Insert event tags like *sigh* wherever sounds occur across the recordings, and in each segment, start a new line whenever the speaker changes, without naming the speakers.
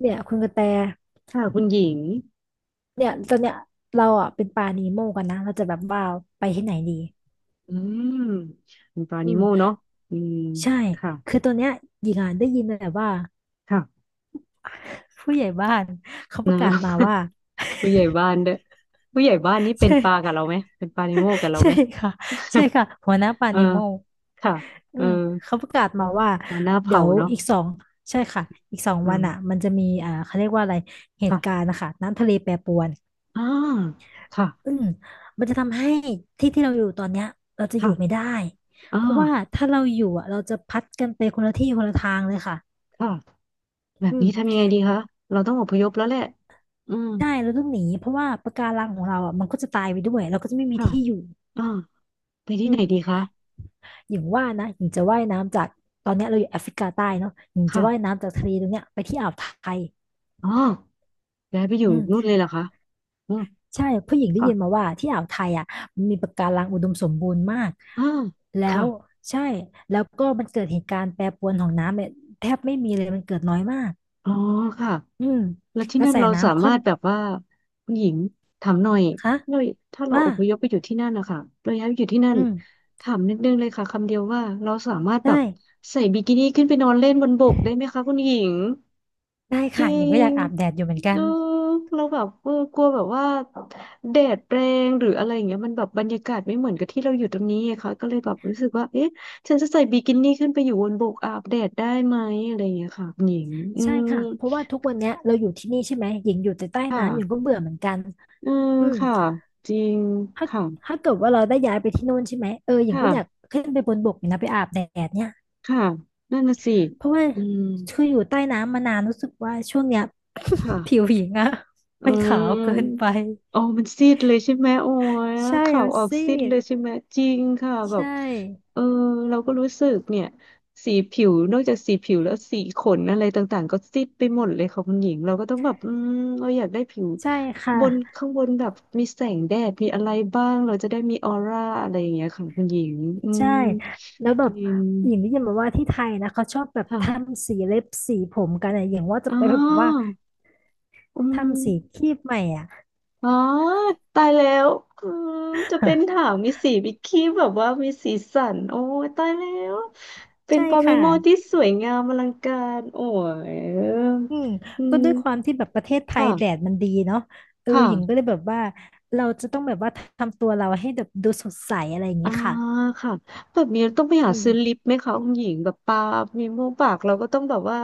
เนี่ยคุณกระแต
ค่ะคุณหญิง
เนี่ยตอนเนี้ยเราอ่ะเป็นปลานีโมกันนะเราจะแบบว่าไปที่ไหนดี
อืมคุณปรา
อื
นิ
ม
โมเนาะอืม
ใช่
ค่ะ
คือตอนเนี้ยหญิงอ่ะได้ยินแต่ว่า
ค่ะ
ผู้ใหญ่บ้านเขาป
นะ
ระกาศมาว่า
*laughs* ผู้ใหญ่บ้านด้วยผู้ใหญ่บ้านนี่
*laughs*
เป็น
ใช่
ปลากับเราไหมเป็นปลานิโมกับ
*laughs*
เรา
ใช่
ไหม
ค่ะใช่ค่ะหัวหน้าปลา
*laughs* เออ
นิโม
ค่ะ
อื
เออ
มเขาประกาศมาว่า
มาหน้า
เดี๋
เผา
ยว
เนาะ
อีกสองใช่ค่ะอีกสอง
อื
วันอ่ะ
ม
มันจะมีเขาเรียกว่าอะไรเหตุการ
ค่ะ
ณ์นะคะน้ำทะเลแปรปรวน
อ่าค่ะ
อืมมันจะทำให้ที่ที่เราอยู่ตอนเนี้ยเราจะอยู่ไม่
ค่ะ
ได้
อ่
เพราะว่า
า
ถ้าเราอยู่อ่ะเราจะพัดกันไปคนละที่คนละทางเลยค่ะ
ค่ะแบบ
อืม
นี้ทำยังไงดีคะเราต้องอพยพแล้วแหละอืม
ใช่เราต้องหนีเพราะว่าปะการังของเราอ่ะมันก็จะตายไปด้วยเราก็จะไม่มี
ค่ะ
ที่อยู่
อ่าไป
อื
ที่ไหนดี
ม
คะ
อย่างว่านะหญิงจะว่ายน้ำจากตอนเนี้ยเราอยู่แอฟริกาใต้เนาะหญิงจะว่าย
ค่ะ
น้ำจากทะเลตรงเนี้ยไปที่อ่าวไทย
อ๋อย้ายไปอยู่
อืม
นู่นเลยเหรอคะอืม
ใช่ผู้หญิงได้
ค่ะ
ยินมาว่าที่อ่าวไทยอ่ะมันมีปะการังอุดมสมบูรณ์มาก
อ่า
แล้
ค่ะ
วใช่แล้วก็มันเกิดเหตุการณ์แปรปรวนของน้ำเนี่ยแทบไม่มีเลยมันเกิดน้อยมาก
อ๋อค่ะ
อืม
แล้วที่
กระ
นั่น
แส
เราสา
น้ำข้
มา
น
รถแบบว่าคุณหญิงถามหน่อย
คะ
เราถ้าเรา
ว่า
อพยพไปอยู่ที่นั่นนะคะเราย้ายไปอยู่ที่นั่น
อืม
ถามนิดนึงเลยค่ะคำเดียวว่าเราสามารถแบ
ได้
บใส่บิกินี่ขึ้นไปนอนเล่นบนบกได้ไหมคะคุณหญิง
ได้
จ
ค่ะ
ริ
หญิงก็อ
ง
ยากอาบแดดอยู่เหมือนกั
เอ
น
อเราแบบเออกลัวแบบว่าแดดแรงหรืออะไรอย่างเงี้ยมันแบบบรรยากาศไม่เหมือนกับที่เราอยู่ตรงนี้ไงคะก็เลยแบบรู้สึกว่าเอ๊ะฉันจะใส่บิกินี่ขึ้นไปอยู่บนบกอาบแดดได้ไหมอะไรอย่างเงี้ยค่ะคุณหญิงอื
ใช่
ม
ค่ะเพราะว่าทุกวันเนี้ยเราอยู่ที่นี่ใช่ไหมหญิงอยู่แต่ใต้
ค่ะ
น้ำหญิงก็เบื่อเหมือนกัน
อืม
อืม
ค่ะจริง
ถ้า
ค่ะ
ถ้าเกิดว่าเราได้ย้ายไปที่โน่นใช่ไหมเออหญิงก็อยาก
ค่ะ
ขึ้นไปบนบกเนี่ยนะไปอาบแดดเนี่ย
ค่ะนั่นน่ะสิ
เพราะว่า
อืม
คืออยู่ใต้น้ำมานานรู้สึกว่าช่วงเนี้ย *laughs* ผิว
ค่ะ
หญิงอะ
อื
มันขาวเกินไป
มโอ้มันซีดเลยใช่ไหมโอ้ย
ใช่
ข่าว
มัน
ออก
ซี
ซีดเล
ด
ยใช่ไหมจริงค่ะแบ
ใช
บ
่
เออเราก็รู้สึกเนี่ยสีผิวนอกจากสีผิวแล้วสีขนอะไรต่างๆก็ซีดไปหมดเลยค่ะคุณหญิงเราก็ต้องแบบเราอยากได้ผิว
ใช่ค่ะ
บนข้างบนแบบมีแสงแดดมีอะไรบ้างเราจะได้มีออร่าอะไรอย่างเงี้ยค่ะคุณหญิงอืม
ใช่แล้วแบ
จ
บ
ริง
หญิงได้ยินมาว่าที่ไทยนะเขาชอบแบบ
ค่ะ
ทำสีเล็บสีผมกันอะอย่างว่าจะ
อ๋อ
ไปแบบว่า
อืม
ทำสีครีบใหม่อ่ะ
อ๋อตายแล้วอืมจะเป็นถา
*laughs*
มมีสีบิกินี่แบบว่ามีสีสันโอ้ยตายแล้ว เป็น
ใช่
ปาเม
ค่ะ
โมที่สวยงามอลังการ โอ้ย
อืม
อื
ก็
ม
ด้วยความที่แบบประเทศไทยแดด
ค่ะ
มันดีเนาะเออหญิงก็
ค่ะ
เลยแบบว่าเราจะต้องแบบว่าทำตัวเราให้แบบดูสดใสอะไรอย่าง
อ่า
เงี้ยค่ะ
ค่ะแบบนี้ต้องไปหา
อืม
ซื้อลิปไหมคะคุณหญิงแบบปามีมูกปากเราก็ต้องแบบว่า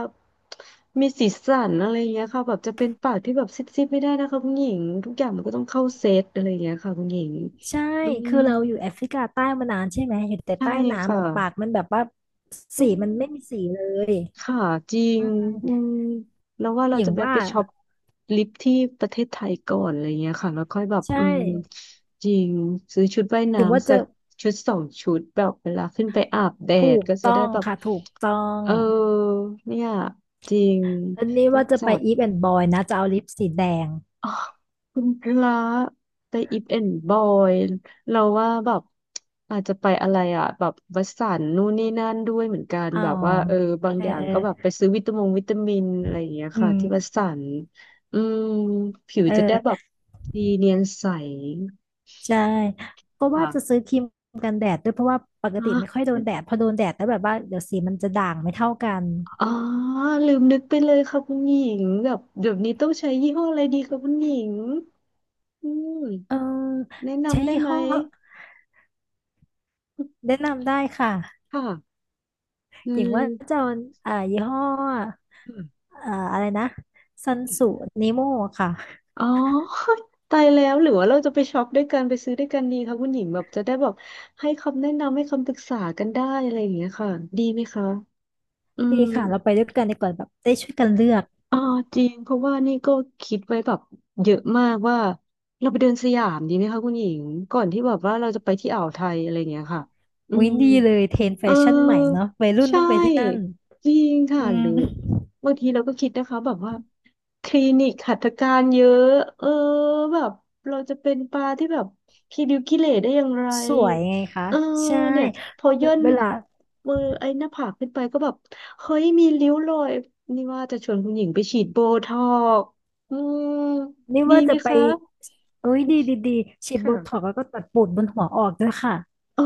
มีสีสันอะไรอย่างเงี้ยค่ะแบบจะเป็นปากที่แบบซิดๆไม่ได้นะคะคุณหญิงทุกอย่างมันก็ต้องเข้าเซตอะไรอย่างเงี้ยค่ะคุณหญิง
ใช่
อื
คื
ม
อเราอยู่แอฟริกาใต้มานานใช่ไหมอยู่แต่
ใช่
ใต้น้ำ
ค่ะ
อะปากมันแบบว่า
อื
สีมันไม่มี
ม
สีเลย
ค่ะจริ
อื
ง
ม
อืมแล้วว่าเรา
อย่า
จะ
ง
แวะ
ว่า
ไปช็อปลิปที่ประเทศไทยก่อนอะไรเงี้ยค่ะแล้วค่อยแบบ
ใช่
จริงซื้อชุดว่าย
อย่างว่า
น้ำสั
จะ
กชุดสองชุดแบบเวลาขึ้นไปอาบแด
ถู
ด
ก
ก็จะ
ต้อ
ได้
ง
แบบ
ค่ะถูกต้อง
เออเนี่ยจริง
ตอนนี้
ต้อง
ว่าจะไป
จัด
อีฟแอนด์บอยนะจะเอาลิปสีแดง
อ๋อคุณกระแต่อีฟแอนด์บอยเราว่าแบบอาจจะไปอะไรอ่ะแบบวัสสันนู่นนี่นั่นด้วยเหมือนกัน
อ๋อ
แบบว่าเออบาง
เออ
อย่าง
เอ
ก็แบบไป
อ
ซื้อวิตามงวิตามินอะไรอย่างเงี้ย
อื
ค่ะที่วัส
ม
สันอืมผิว
เอ
จะได้แบ
อ
บดีเนียนใส
ใช่ ก็ว่าจะ
ค่ะ
ซื้อครีมกันแดดด้วยเพราะว่าปกติ
อ่ะ
ไม่ค่อยโดนแดดพอโดนแดดแล้วแบบว่าเดี๋ยวสีมันจะด่างไม่เท่ากัน
อ๋อลืมนึกไปเลยค่ะคุณหญิงแบบเดี๋ยวนี้ต้องใช้ยี่ห้ออะไรดีคะคุณหญิงอืม
เออ
แนะ
ใช้
นำได้
ยี่
ไหม
ห้อแนะนำได้ค่ะ
ค่ะอื
อย่างว่าจะ
ม
เอายี่ห้ออะไรนะซันสูนิโมค่ะ
อ๋อ *laughs* ตายแล้วหรือว่าเราจะไปช็อปด้วยกันไปซื้อด้วยกันดีคะคุณหญิงแบบจะได้แบบให้คำแนะนำให้คำปรึกษากันได้อะไรอย่างเงี้ยค่ะดีไหมคะอืม
ดีค่ะเราไปด้วยกันดีกว่าแบบได้ช่วยกันเลือก
อ๋อจริงเพราะว่านี่ก็คิดไว้แบบเยอะมากว่าเราไปเดินสยามดีไหมคะคุณหญิงก่อนที่แบบว่าเราจะไปที่อ่าวไทยอะไรอย่างเงี้ยค่ะอื
อิ๊ย
ม
ดีเลยเทรนด์แฟ
เออ
ชั่นใหม่เนาะวัยรุ่น
ใช
ต้องไปที่นั่น
่จริงค่ะ
อื
หรือ
ม
บางทีเราก็คิดนะคะแบบว่าคลินิกหัตถการเยอะเออแบบเราจะเป็นปลาที่แบบขี้ริ้วขี้เหร่ได้อย่างไร
สวยไงคะ
เออ
ใช่
เนี่ยพอย่น
เวลา
มือไอ้หน้าผากขึ้นไปก็แบบเฮ้ยมีริ้วรอยนี่ว่าจะชวนคุณหญิงไปฉีดโบท็อกซ์อืม
นี่
ดี
ว่า
ไหม
จะไป
คะ
เอ้ยดีฉีดโบท็อก
ค่ะ
ซ์แล้วก็ตัดปูดบนหัวออกด้วยค่ะ
อ๋อ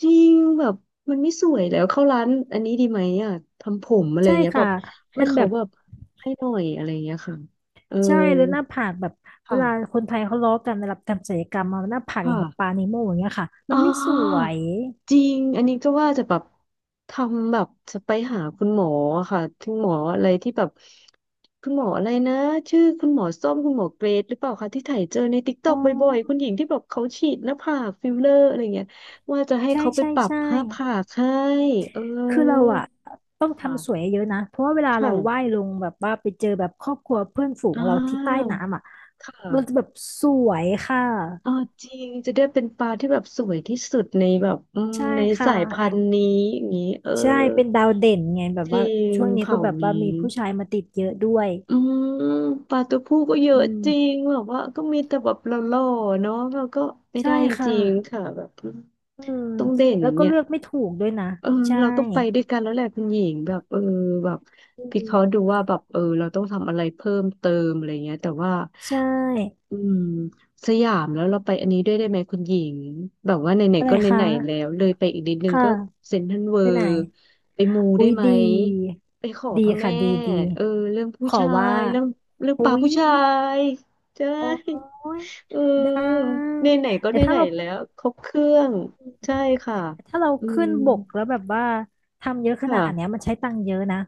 จริงแบบมันไม่สวยแล้วเข้าร้านอันนี้ดีไหมอ่ะทำผมอะไร
ใช่
เงี้ยแบ
ค่ะ
บให้
มันแบ
เขา
บ
แบบให้หน่อยอะไรเงี้ยค่ะเออ
ใช่แล้วหน้าผากแบบเวลา
ค่ะ
คนไทยเขาล้อกันเวลาทำศัลยกรรมมาหน้าผากอย่างกับปลา
ค่ะ
นีโมอย่างเงี้ยค่ะมั
อ๋
นไม่สว
อ
ย
จริงอันนี้ก็ว่าจะแบบทำแบบจะไปหาคุณหมออะค่ะคุณหมออะไรที่แบบคุณหมออะไรนะชื่อคุณหมอส้มคุณหมอเกรดหรือเปล่าคะที่ถ่ายเจอในติ๊กต็อ
อ๋อ
กบ่อยๆคุณหญิงที่แบบเขาฉีดหน้าผากฟิลเลอร์อะไรเงี้ยว่าจะให้
ใช่
เขาไป
ใช่
ปรับ
ใช่
หน้าผากให้เอ
คือเรา
อ
อะต้อง
ค่ะ
ทำสวยเยอะนะเพราะว่าเวลา
ค
เราว่าย
่ะ
ลงแบบว่าไปเจอแบบครอบครัวเพื่อนฝูง
อ่
เราที่ใต้
า
น้ำอะ
ค
เราจะ
่ะ
แบบสวยค่ะ
เอ่าจริงจะได้เป็นปลาที่แบบสวยที่สุดในแบบ
ใช่
ใน
ค
สายพั
่ะ
นธุ์นี้อย่างนี้เออ
ใช่เป็นดาวเด่นไงแบบ
จริ
ว่า
ง
ช่วงนี้ก็
เผ่า
แบบ
นี้
ว่ามีผู้ชายมาติดเยอะด้วย
อืมปลาตัวผู้ก็เย
อื
อะจริ
ม
งแบบว่าก็มีแต่แบบหล่อๆเนาะแล้วก็ไม่
ใช่
ได้
ค
จริง
่ะ
ค่ะแบบ
อืม
ต้องเด่น
แล้วก็
เนี่ย
เลือกไม่ถูกด้วยนะ
เออ
ใช่
เราต้องไปด้วยกันแล้วแหละคุณหญิงแบบเออแบบ
อื
พี่เขาะห์
ม
ดูว่าแบบเออเราต้องทำอะไรเพิ่มเติมอะไรเงี้ยแต่ว่า
ใช่
อืมสยามแล้วเราไปอันนี้ด้วยได้ไหมคุณหญิงแบบว่าไหน
อะ
ๆ
ไร
ก็ไห
คะ
นๆแล้วเลยไปอีกนิดนึง
ค่ะ
ก็เซ็นทรัลเวิ
ไปไหน
ลด์ไปมู
อุ๊
ได้
ย
ไหม
ดี
ไปขอ
ดี
พระแม่
ค่ะดี
เออเรื่องผู้
ขอ
ชา
ว่า
ยเรื่องป
อุ๊
ลา
ย
ผู้ชายใช่
โอ้ย
เอ
ได้
อไหนๆก็
แต่
ไหนๆแล้วครบเครื่องใช่ค่ะ
ถ้าเรา
อื
ขึ้
ม
นบกแล้วแบบว่าทำเยอะขนาดเนี้ย
ค่ะ
มันใช้ตังค์เยอะนะ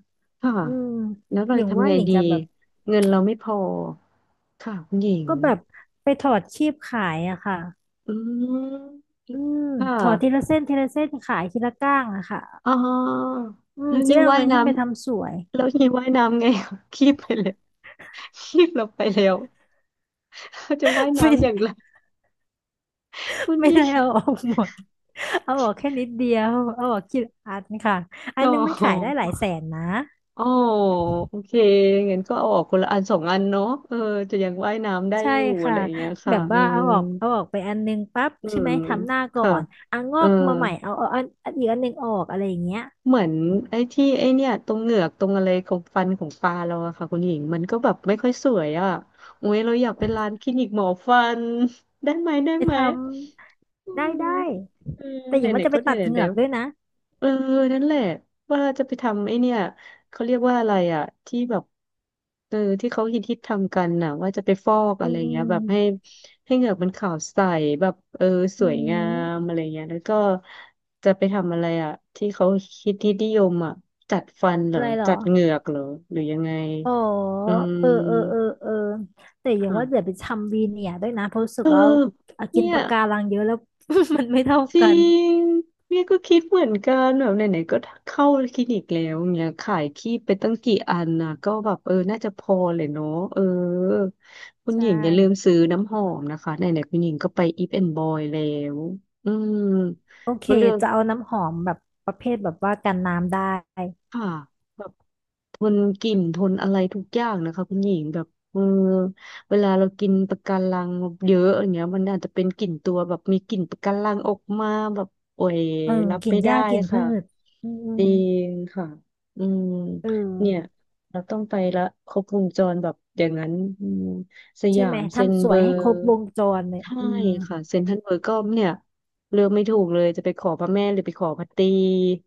ค่ะ
อืม
แล้วเรา
อ
จะ
ย่าง
ทำ
ว่า
ไง
อย่าง
ดี
จะแบบ
เงินเราไม่พอค่ะคุณหญิง
ก็แบบไปถอดคีบขายอะค่ะ
อืม
อืม
ค่
ถอดทีละ
ะ
เส้นทีละเส้นขายทีละก้างอะค่ะ
อ๋อ
อืม
แล้ว
จะ
นี่
ได้เอา
ว่าย
เงิน
น้
ขึ้นไปทำสวย
ำแล้วนี่ว่ายน้ำไง *laughs* คีบไปเลยคีบเราไปแล้วเขาจะว่าย
*laughs* ฟิ
น้ำอย่าง
น
ไรคุณ
ไม่
ยี่
ได้เอาออกหมดเอาออกแค่นิดเดียวเอาออกกี่อันค่ะ อั
โอ้
นนึงมัน
โห
ขายได้หลายแสนนะ
อ๋อโอเคงั้นก็เอาออกคนละอันสองอันเนาะจะยังว่ายน้ำได้
ใช่
อยู่อะ
ค่ะ
ไรอย่างเงี้ย
แบ
ค่ะ
บ
อื
ว่า
ม
เอาออกไปอันนึงปั๊บ
อื
ใช่
ม
ไหมทำหน้าก่อ
ค่ะ
นอ่ะง
เอ
อ
อ
กมาใหม่เอาอันอีกอันนึงออกอะไรอย่างเงี้ย
เหมือนไอ้เนี่ยตรงเหงือกตรงอะไรของฟันของปลาเราอะค่ะคุณหญิงมันก็แบบไม่ค่อยสวยอะโอ้ยเราอยากเป็นร้านคลินิกหมอฟัน *laughs* ได้ไหมได้
ไป
ไหม
ท
อื
ำ
ม
ได้
อืม
แต่ห
ไห
ญิง
น
ว่าจะ
ๆ
ไป
ก็ไหน
ตัดเห
ๆแล้
งือก
ว
ด้วยนะ
เออนั่นแหละว่าจะไปทำไอเนี่ยเขาเรียกว่าอะไรอ่ะที่แบบที่เขาฮิตฮิตทำกันน่ะว่าจะไปฟอก
อื
อะไร
มอื
เงี้
ม
ยแบบให้ให้เหงือกมันขาวใสแบบส
อื
วยงาม
ม
อะไรเงี้ยแล้วก็จะไปทำอะไรอ่ะที่เขาฮิตฮิตนิยมอ่ะจัดฟันเหร
อะ
อ
ไรเหรอ
จัดเหงือกเหรอหรือยังไง
อ๋อ
อืม
เออแต่อย่าง
ค่ะ
ว่าเดี๋ยวไปทำวีเนียร์ด้วยนะเพราะรู้สึ
เอ
ก
อ
ว่าเอากิ
เนี่
น
ย
ปะการังเยอะแล้ว *laughs* มันไม่เท่า
จริ
กัน
งเนี่ยก็คิดเหมือนกันแบบไหนๆก็เข้าคลินิกแล้วเนี่ยขายครีมไปตั้งกี่อันนะก็แบบน่าจะพอเลยเนาะเออคุณ
ใช
หญิงอย่าลืม
่
ซื้อน้ำหอมนะคะไหนๆคุณหญิงก็ไปอีฟแอนด์บอยแล้วอืม
โอเค
ก็เลือก
จะเอาน้ำหอมแบบประเภทแบบว่ากันน้ำได้
ค่ะ ทนกลิ่นทนอะไรทุกอย่างนะคะคุณหญิงแบบเวลาเรากินปะการังเยอะอย่างเงี้ยมันอาจจะเป็นกลิ่นตัวแบบมีกลิ่นปะการังออกมาแบบโอ้ย
เออ
รับ
กลิ่น
ไม่
ห
ได้
ญ้ากลิ่นพื
ค่ะ
ชอืม
จริงค่ะอืม
เอ
เนี่ย
อ
เราต้องไปละครบวงจรแบบอย่างนั้นอืมส
ใช่
ยา
ไหม
มเซ็น
ทำส
เบ
ว
อ
ยให้
ร์
ครบวงจรเลย
ใช่
อืม
ค่ะเซ็นทรัลเวิลด์ก็เนี่ยเลือกไม่ถูกเลยจะไปขอพระแม่หรือไปขอพระตรี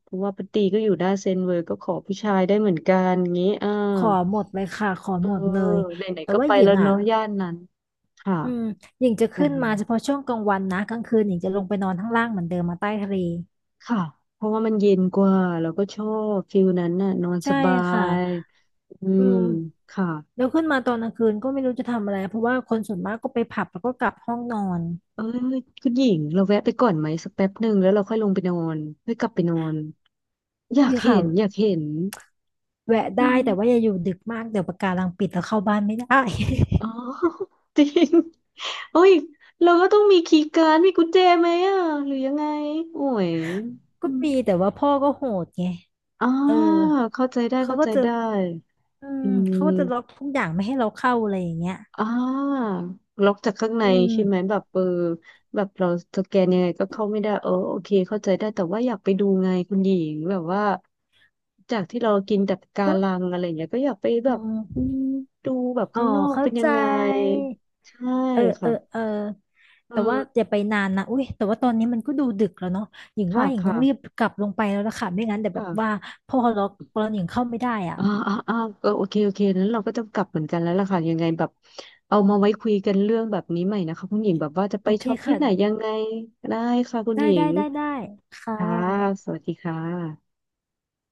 เพราะว่าพระตรีก็อยู่หน้านเซ็นเวิลด์ก็ขอผู้ชายได้เหมือนกันงี้อ่า
ขอหมดเลยค่ะขอ
เออ
หมดเลย
ไหน
แต่
ๆก็
ว่า
ไป
หญิ
แล้
ง
ว
อ่ะ
เนาะย่านนั้นค่ะ
อืมหญิงจะ
ยั
ขึ้
ง
น
ไง
มาเฉพาะช่วงกลางวันนะกลางคืนหญิงจะลงไปนอนข้างล่างเหมือนเดิมมาใต้ทะเล
ค่ะเพราะว่ามันเย็นกว่าแล้วก็ชอบฟิลนั้นน่ะนอนส
ใช่
บา
ค่ะ
ยอื
อื
ม
ม
ค่ะ
แล้วขึ้นมาตอนกลางคืนก็ไม่รู้จะทำอะไรเพราะว่าคนส่วนมากก็ไปผับแล้วก็กลับห้องนอน
เอ้ยคุณหญิงเราแวะไปก่อนไหมสักแป๊บหนึ่งแล้วเราค่อยลงไปนอนค่อยกลับไปนอน
อุ้
อยา
ย
ก
ค่ะ
เห็นอยากเห็น
แวะ
อื
ได้
ม
แต่ว่าอย่าอยู่ดึกมากเดี๋ยวปะการังปิดแล้วเข้าบ้านไม่ได้
อ๋อ *laughs* จริงโอ้ยเราก็ต้องมีคีย์การ์ดมีกุญแจไหมอ่ะหรือยังไงโอ้ย
*laughs*
อ
ก็
ม
มีแต่ว่าพ่อก็โหดไง
อ่า
เออ
เข้าใจได้
เขา
เข้า
ก็
ใจ
จะ
ได้
อืม
อื
เขาก็จะล็อก
ม
ทุกอย่างไม่ให้เราเข้าอะไรอย่างเงี้ย
อ่าล็อกจากข้างใน
อืม
ใช่ไหมแบบแบบเราสแกนยังไงก็เข้าไม่ได้เออโอเคเข้าใจได้แต่ว่าอยากไปดูไงคุณหญิงแบบว่าจากที่เรากินแต่ปะกา
ก็
รังอะไรอย่างเงี้ยก็อยากไปแบ
อืม
บ
อ
อื
ม
มดูแบบ
อ๋อ
ข้างนอก
เข้า
เป็นยั
ใจ
งไงใช่
เออเอ
ค่ะ
อเออ
อื
แต่ว่าอ
ม
ย่าไปนานนะอุ้ยแต่ว่าตอนนี้มันก็ดูดึกแล้วเนาะหญิง
ค่ะ
ว่าหญิงต้
ค่ะ
องรีบกลับลงไปแล้วล่ะค่ะไม่งั้นเดี๋ยวแบบว่า
ค่ะ
พอล็อกตอนหญิงเข้าไม่ได้อ่ะ
อ่าอ่าอ่าก็โอเค โอเคนั้นเราก็ต้องกลับเหมือนกันแล้วล่ะค่ะ ยังไงแบบเอามาไว้คุยกันเรื่องแบบนี้ใหม่นะคะคุณหญิงแบบว่าจะไป
โอเค
ช็อปที่
ค่ะ
ไหนยังไงได้ค่ะคุณ
ได้
หญิ
ได้
ง
ได้ได้ค่
ค่ะ
ะ
สวัสดีค่ะ